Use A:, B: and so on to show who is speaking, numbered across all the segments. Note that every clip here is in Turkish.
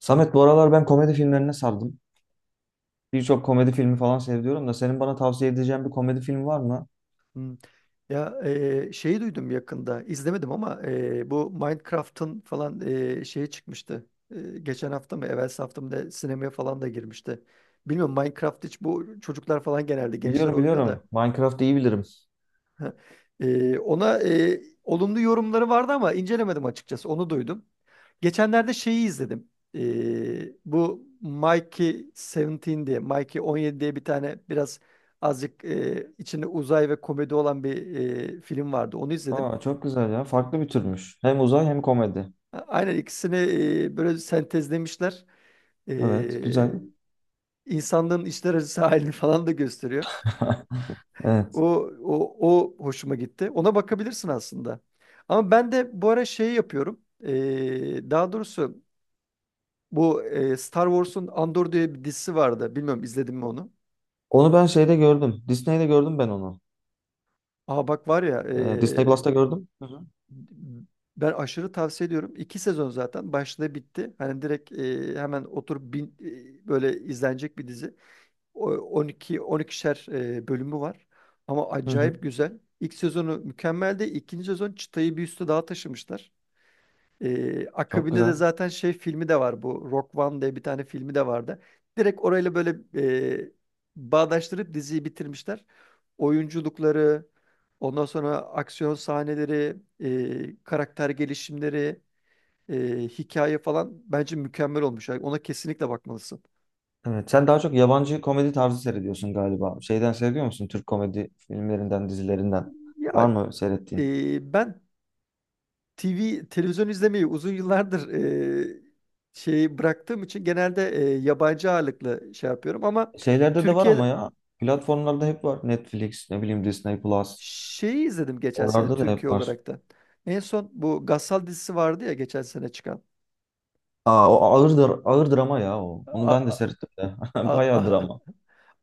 A: Samet bu aralar ben komedi filmlerine sardım. Birçok komedi filmi falan seviyorum da senin bana tavsiye edeceğin bir komedi film var mı?
B: Hmm. Ya, şeyi duydum yakında izlemedim ama bu Minecraft'ın falan şeyi çıkmıştı. Geçen hafta mı evvelsi hafta mı da sinemaya falan da girmişti. Bilmiyorum, Minecraft hiç, bu çocuklar falan genelde gençler
A: Biliyorum
B: oynuyor
A: biliyorum.
B: da.
A: Minecraft'ı iyi bilirim.
B: Ha, ona olumlu yorumları vardı ama incelemedim açıkçası. Onu duydum. Geçenlerde şeyi izledim. E, Bu Mikey 17 diye, Mikey 17 diye bir tane biraz azıcık içinde uzay ve komedi olan bir film vardı. Onu izledim.
A: Aa, çok güzel ya. Farklı bir türmüş. Hem uzay hem komedi.
B: Aynen ikisini böyle sentezlemişler. E,
A: Evet, güzel.
B: insanlığın içler acısı halini falan da gösteriyor.
A: Evet.
B: O, o hoşuma gitti. Ona bakabilirsin aslında. Ama ben de bu ara şey yapıyorum. Daha doğrusu bu Star Wars'un Andor diye bir dizisi vardı. Bilmiyorum izledim mi onu?
A: Onu ben şeyde gördüm. Disney'de gördüm ben onu.
B: Aa, bak var ya,
A: Disney Plus'ta gördüm. Hı hı.
B: ben aşırı tavsiye ediyorum. İki sezon zaten başladı bitti. Hani direkt hemen oturup, böyle izlenecek bir dizi. 12 12'şer bölümü var. Ama
A: Hı hı.
B: acayip güzel. İlk sezonu mükemmeldi. İkinci sezon çıtayı bir üstü daha taşımışlar.
A: Çok
B: Akabinde de
A: güzel.
B: zaten şey filmi de var, bu Rock One diye bir tane filmi de vardı. Direkt orayla böyle e, bağdaştırıp diziyi bitirmişler. Oyunculukları, ondan sonra aksiyon sahneleri, karakter gelişimleri, hikaye falan bence mükemmel olmuş. Yani ona kesinlikle bakmalısın.
A: Evet. Sen daha çok yabancı komedi tarzı seyrediyorsun galiba. Şeyden seviyor musun? Türk komedi filmlerinden, dizilerinden. Var
B: Ya,
A: mı seyrettiğin?
B: ben TV televizyon izlemeyi uzun yıllardır e, şey bıraktığım için genelde yabancı ağırlıklı şey yapıyorum ama
A: Şeylerde de var ama
B: Türkiye
A: ya. Platformlarda hep var. Netflix, ne bileyim Disney Plus.
B: şeyi izledim geçen sene,
A: Oralarda da
B: Türkiye
A: hep var.
B: olarak da. En son bu Gassal dizisi vardı ya, geçen sene çıkan.
A: Aa, o ağırdır, ağır drama ya o. Onu
B: A-
A: ben de
B: a-
A: seyrettim de.
B: a-
A: Bayağı
B: a-
A: drama.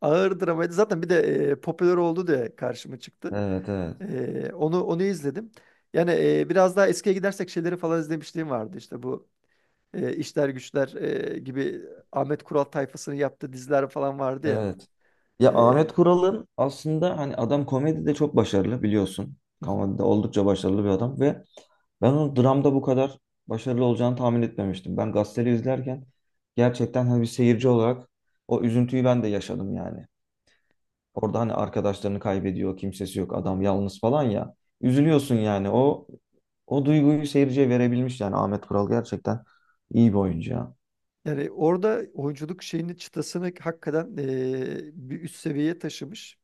B: ağır dramaydı. Zaten bir de popüler oldu diye karşıma çıktı.
A: Evet, evet.
B: Onu izledim. Yani, biraz daha eskiye gidersek şeyleri falan izlemişliğim vardı. İşte bu İşler Güçler gibi Ahmet Kural tayfasının yaptığı diziler falan vardı ya.
A: Evet. Ya
B: E,
A: Ahmet Kural'ın aslında hani adam komedide çok başarılı biliyorsun.
B: hı hı,
A: Komedide oldukça başarılı bir adam ve ben onun dramda bu kadar başarılı olacağını tahmin etmemiştim. Ben gazeteli izlerken gerçekten hani bir seyirci olarak o üzüntüyü ben de yaşadım yani. Orada hani arkadaşlarını kaybediyor, kimsesi yok, adam yalnız falan ya.
B: hı hı.
A: Üzülüyorsun yani. O duyguyu seyirciye verebilmiş yani Ahmet Kural gerçekten iyi bir oyuncu ya.
B: Yani orada oyunculuk şeyini, çıtasını hakikaten bir üst seviyeye taşımış.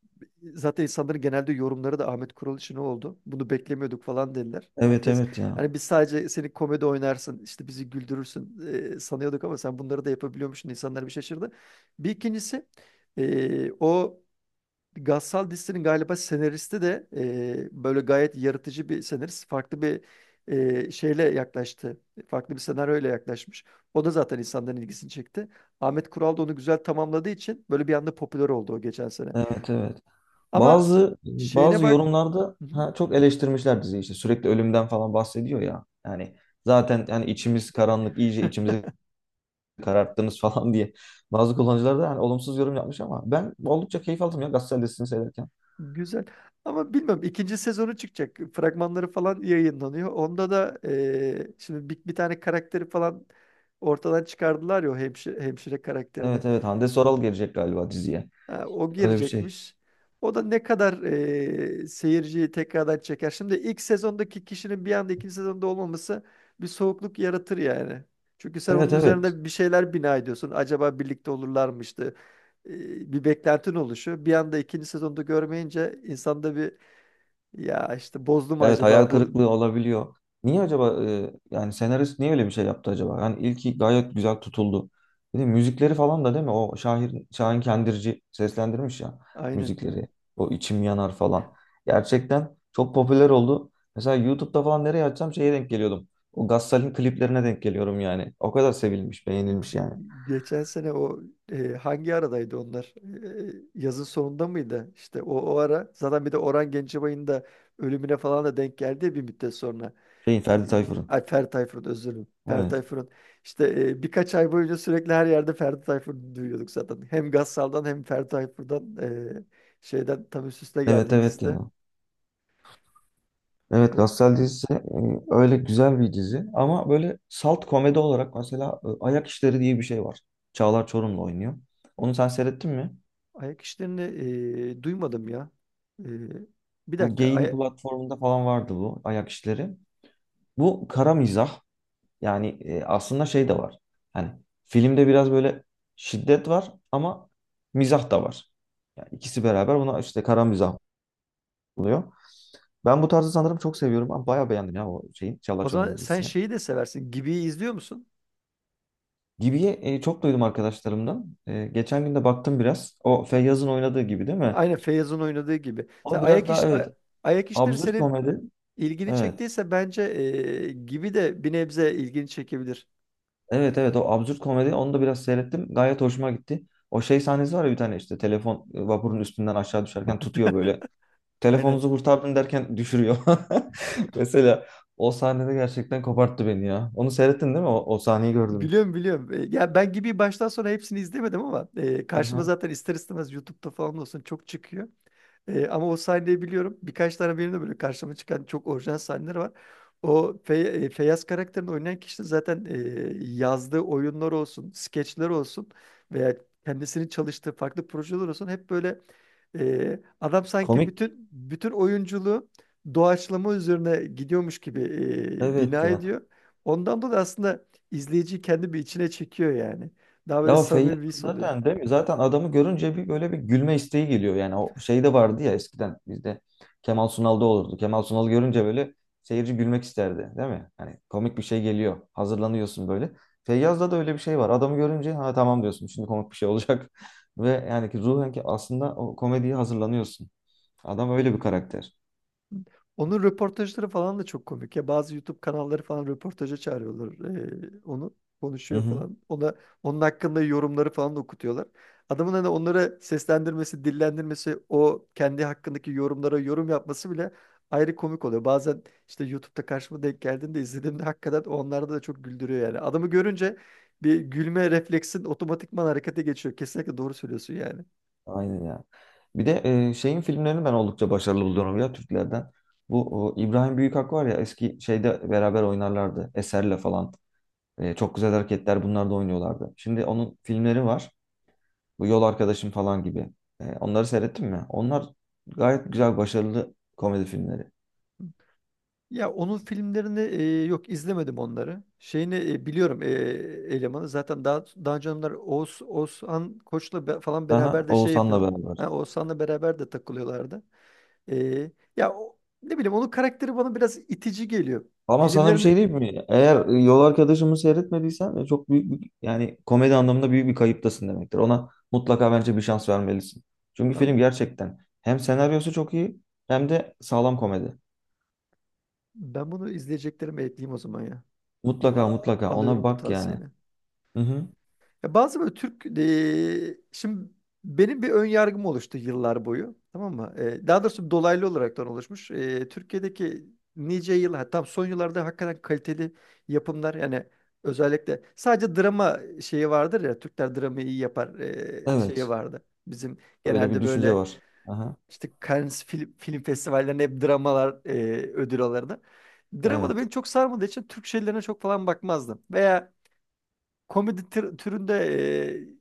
B: Zaten insanların genelde yorumları da Ahmet Kural için oldu. Bunu beklemiyorduk falan dediler.
A: Evet
B: Herkes
A: evet ya.
B: hani, biz sadece seni komedi oynarsın, işte bizi güldürürsün sanıyorduk ama sen bunları da yapabiliyormuşsun. İnsanlar bir şaşırdı. Bir ikincisi, o Gassal dizisinin galiba senaristi de böyle gayet yaratıcı bir senarist. Farklı bir şeyle yaklaştı. Farklı bir senaryoyla yaklaşmış. O da zaten insanların ilgisini çekti. Ahmet Kural da onu güzel tamamladığı için böyle bir anda popüler oldu o, geçen sene.
A: Evet evet.
B: Ama
A: Bazı
B: şeyine
A: bazı
B: bak...
A: yorumlarda
B: Hı
A: ha, çok eleştirmişler diziyi işte sürekli ölümden falan bahsediyor ya. Yani zaten yani içimiz karanlık iyice
B: hı.
A: içimizi kararttınız falan diye. Bazı kullanıcılar da hani olumsuz yorum yapmış ama ben oldukça keyif aldım ya Gazeteli listesini seyrederken.
B: Güzel. Ama bilmiyorum, ikinci sezonu çıkacak. Fragmanları falan yayınlanıyor. Onda da şimdi bir tane karakteri falan ortadan çıkardılar ya, o hemşire karakterini.
A: Evet evet Hande Soral gelecek galiba diziye.
B: Ha, o
A: Öyle bir şey.
B: girecekmiş. O da ne kadar seyirciyi tekrardan çeker. Şimdi ilk sezondaki kişinin bir anda ikinci sezonda olmaması bir soğukluk yaratır yani. Çünkü sen onun
A: Evet evet.
B: üzerine bir şeyler bina ediyorsun. Acaba birlikte olurlarmıştı. Bir beklentin oluşuyor. Bir anda ikinci sezonda görmeyince insanda bir, ya işte bozdu mu
A: Evet hayal
B: acaba bu?
A: kırıklığı olabiliyor. Niye acaba yani senarist niye öyle bir şey yaptı acaba? Yani ilki gayet güzel tutuldu. Bir de müzikleri falan da değil mi? O Şahin, Şahin Kendirci seslendirmiş ya
B: Aynen.
A: müzikleri. O içim yanar falan. Gerçekten çok popüler oldu. Mesela YouTube'da falan nereye açsam şeye denk geliyordum. O Gassal'in kliplerine denk geliyorum yani. O kadar sevilmiş, beğenilmiş yani.
B: Geçen sene o, hangi aradaydı onlar? Yazın sonunda mıydı? İşte o ara zaten bir de Orhan Gencebay'ın da ölümüne falan da denk geldi bir müddet sonra.
A: Şeyin
B: E,
A: Ferdi Tayfur'un.
B: Ay, Ferdi Tayfur'un, özür dilerim. Ferdi
A: Evet.
B: Tayfur'un işte birkaç ay boyunca sürekli her yerde Ferdi Tayfur'u duyuyorduk zaten. Hem Gassal'dan hem Ferdi Tayfur'dan e, şeyden tam üst üste geldi
A: Evet evet
B: ikisi de.
A: ya. Evet
B: O
A: Gassel dizisi öyle güzel bir dizi ama böyle salt komedi olarak mesela Ayak İşleri diye bir şey var. Çağlar Çorumlu oynuyor. Onu sen seyrettin mi?
B: ayak işlerini duymadım ya. E, Bir
A: Bu
B: dakika.
A: Gain platformunda falan vardı bu Ayak İşleri. Bu kara mizah yani aslında şey de var. Hani filmde biraz böyle şiddet var ama mizah da var. Yani ikisi beraber buna işte kara mizah oluyor. Ben bu tarzı sanırım çok seviyorum ama bayağı beğendim ya o şeyin Çağlar
B: O zaman
A: Çorumlu'nun
B: sen
A: dizisini.
B: şeyi de seversin. Gibi'yi izliyor musun?
A: Gibi'yi çok duydum arkadaşlarımdan. E, geçen gün de baktım biraz. O Feyyaz'ın oynadığı gibi değil mi?
B: Aynen, Feyyaz'ın oynadığı gibi. Sen
A: O biraz daha evet
B: ayak işleri
A: absürt
B: senin
A: komedi.
B: ilgini
A: Evet.
B: çektiyse bence gibi de bir nebze ilgini çekebilir.
A: Evet evet o absürt komedi onu da biraz seyrettim. Gayet hoşuma gitti. O şey sahnesi var ya bir tane işte telefon vapurun üstünden aşağı düşerken tutuyor böyle.
B: Aynen.
A: Telefonunuzu kurtardım derken düşürüyor. Mesela o sahnede gerçekten koparttı beni ya. Onu seyrettin değil mi? O, o sahneyi gördüm.
B: Biliyorum, biliyorum. Ya, ben gibi baştan sona hepsini izlemedim ama
A: Hı
B: karşıma
A: hı.
B: zaten, ister istemez, YouTube'da falan olsun çok çıkıyor. Ama o sahneyi biliyorum. Birkaç tane benim de böyle karşıma çıkan çok orijinal sahneler var. O Feyyaz karakterini oynayan kişi de zaten, yazdığı oyunlar olsun, skeçler olsun, veya kendisinin çalıştığı farklı projeler olsun, hep böyle adam sanki
A: Komik.
B: bütün bütün oyunculuğu doğaçlama üzerine gidiyormuş gibi
A: Evet
B: bina
A: ya.
B: ediyor. Ondan dolayı aslında izleyiciyi kendi bir içine çekiyor yani. Daha böyle
A: Ya Feyyaz
B: samimi bir his oluyor.
A: zaten değil mi? Zaten adamı görünce bir böyle bir gülme isteği geliyor. Yani o şey de vardı ya eskiden bizde Kemal Sunal'da olurdu. Kemal Sunal görünce böyle seyirci gülmek isterdi değil mi? Hani komik bir şey geliyor. Hazırlanıyorsun böyle. Feyyaz'da da öyle bir şey var. Adamı görünce ha tamam diyorsun. Şimdi komik bir şey olacak. Ve yani ki ruhen ki aslında o komediye hazırlanıyorsun. Adam öyle bir karakter.
B: Onun röportajları falan da çok komik ya. Bazı YouTube kanalları falan röportaja çağırıyorlar onu.
A: Hı
B: Konuşuyor
A: hı.
B: falan. Onun hakkında yorumları falan da okutuyorlar. Adamın hani onlara seslendirmesi, dillendirmesi, o kendi hakkındaki yorumlara yorum yapması bile ayrı komik oluyor. Bazen işte YouTube'da karşıma denk geldiğinde, izlediğimde hakikaten, onlarda da çok güldürüyor yani. Adamı görünce bir gülme refleksin otomatikman harekete geçiyor. Kesinlikle doğru söylüyorsun yani.
A: Aynen ya. Bir de şeyin filmlerini ben oldukça başarılı buluyorum ya Türklerden. Bu o, İbrahim Büyükak var ya eski şeyde beraber oynarlardı. Eser'le falan. E, çok güzel hareketler bunlar da oynuyorlardı. Şimdi onun filmleri var. Bu Yol Arkadaşım falan gibi. E, onları seyrettin mi? Onlar gayet güzel başarılı komedi filmleri.
B: Ya, onun filmlerini, yok, izlemedim onları. Şeyini, biliyorum, elemanı. Zaten daha önce onlar Oğuzhan Koç'la falan
A: Aha,
B: beraber de şey
A: Oğuzhan'la
B: yapıyorlar.
A: beraber.
B: Ha, Oğuzhan'la beraber de takılıyorlardı. E, Ya o, ne bileyim, onun karakteri bana biraz itici geliyor.
A: Ama sana bir şey
B: Filmlerini
A: diyeyim mi? Eğer Yol Arkadaşımı seyretmediysen çok büyük bir, yani komedi anlamında büyük bir kayıptasın demektir. Ona mutlaka bence bir şans vermelisin. Çünkü film
B: ben,
A: gerçekten hem senaryosu çok iyi hem de sağlam komedi.
B: ben bunu izleyeceklerime ekleyeyim o zaman ya.
A: Mutlaka
B: Vallahi
A: mutlaka ona
B: alıyorum bu
A: bak yani.
B: tavsiyeni.
A: Hı hı.
B: Ya, bazı böyle Türk, şimdi benim bir ön yargım oluştu yıllar boyu. Tamam mı? Daha doğrusu dolaylı olaraktan oluşmuş. Türkiye'deki nice yıl, ha, tam son yıllarda hakikaten kaliteli yapımlar, yani özellikle sadece drama şeyi vardır ya, Türkler dramayı iyi yapar, şeyi
A: Evet.
B: vardı. Bizim
A: Öyle bir
B: genelde
A: düşünce
B: böyle
A: var. Aha.
B: işte Cannes film festivallerinde hep dramalar ödül alırdı. Drama da benim
A: Evet.
B: çok sarmadığı için Türk şeylerine çok falan bakmazdım. Veya komedi türünde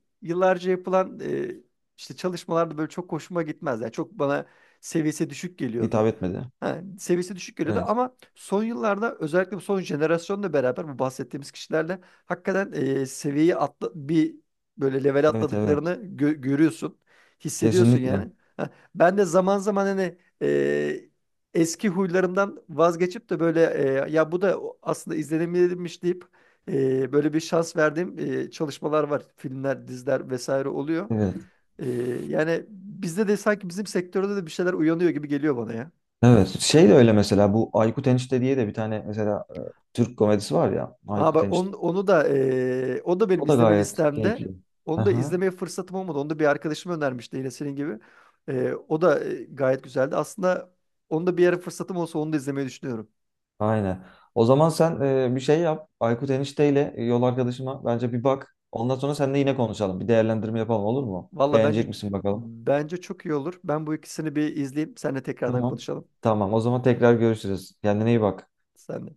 B: yıllarca yapılan işte çalışmalarda böyle çok hoşuma gitmez. Yani çok bana seviyesi düşük
A: Hitap
B: geliyordu.
A: etmedi.
B: Ha, seviyesi düşük geliyordu
A: Evet.
B: ama son yıllarda, özellikle bu son jenerasyonla beraber, bu bahsettiğimiz kişilerle hakikaten bir böyle level
A: Evet
B: atladıklarını
A: evet.
B: görüyorsun. Hissediyorsun
A: Kesinlikle.
B: yani. Ha, ben de zaman zaman hani, eski huylarımdan vazgeçip de böyle, ya bu da aslında izlenilmiş deyip, böyle bir şans verdiğim çalışmalar var. Filmler, diziler vesaire oluyor.
A: Evet.
B: Ee, Yani bizde de, sanki bizim sektörde de bir şeyler uyanıyor gibi geliyor bana ya.
A: Evet. Şey de öyle mesela bu Aykut Enişte diye de bir tane mesela Türk komedisi var ya
B: Aa,
A: Aykut
B: bak,
A: Enişte.
B: onu da o da benim
A: O da
B: izleme
A: gayet
B: listemde.
A: keyifli.
B: Onu da
A: Aha,
B: izlemeye fırsatım olmadı. Onu da bir arkadaşım önermişti, yine senin gibi. O da gayet güzeldi. Aslında onu da bir ara fırsatım olsa onu da izlemeyi düşünüyorum.
A: aynen. O zaman sen bir şey yap. Aykut enişteyle yol arkadaşıma bence bir bak. Ondan sonra seninle yine konuşalım. Bir değerlendirme yapalım olur mu?
B: Valla bence
A: Beğenecek misin bakalım?
B: bence çok iyi olur. Ben bu ikisini bir izleyeyim. Seninle tekrardan
A: Tamam.
B: konuşalım.
A: Tamam. O zaman tekrar görüşürüz. Kendine iyi bak.
B: Senle.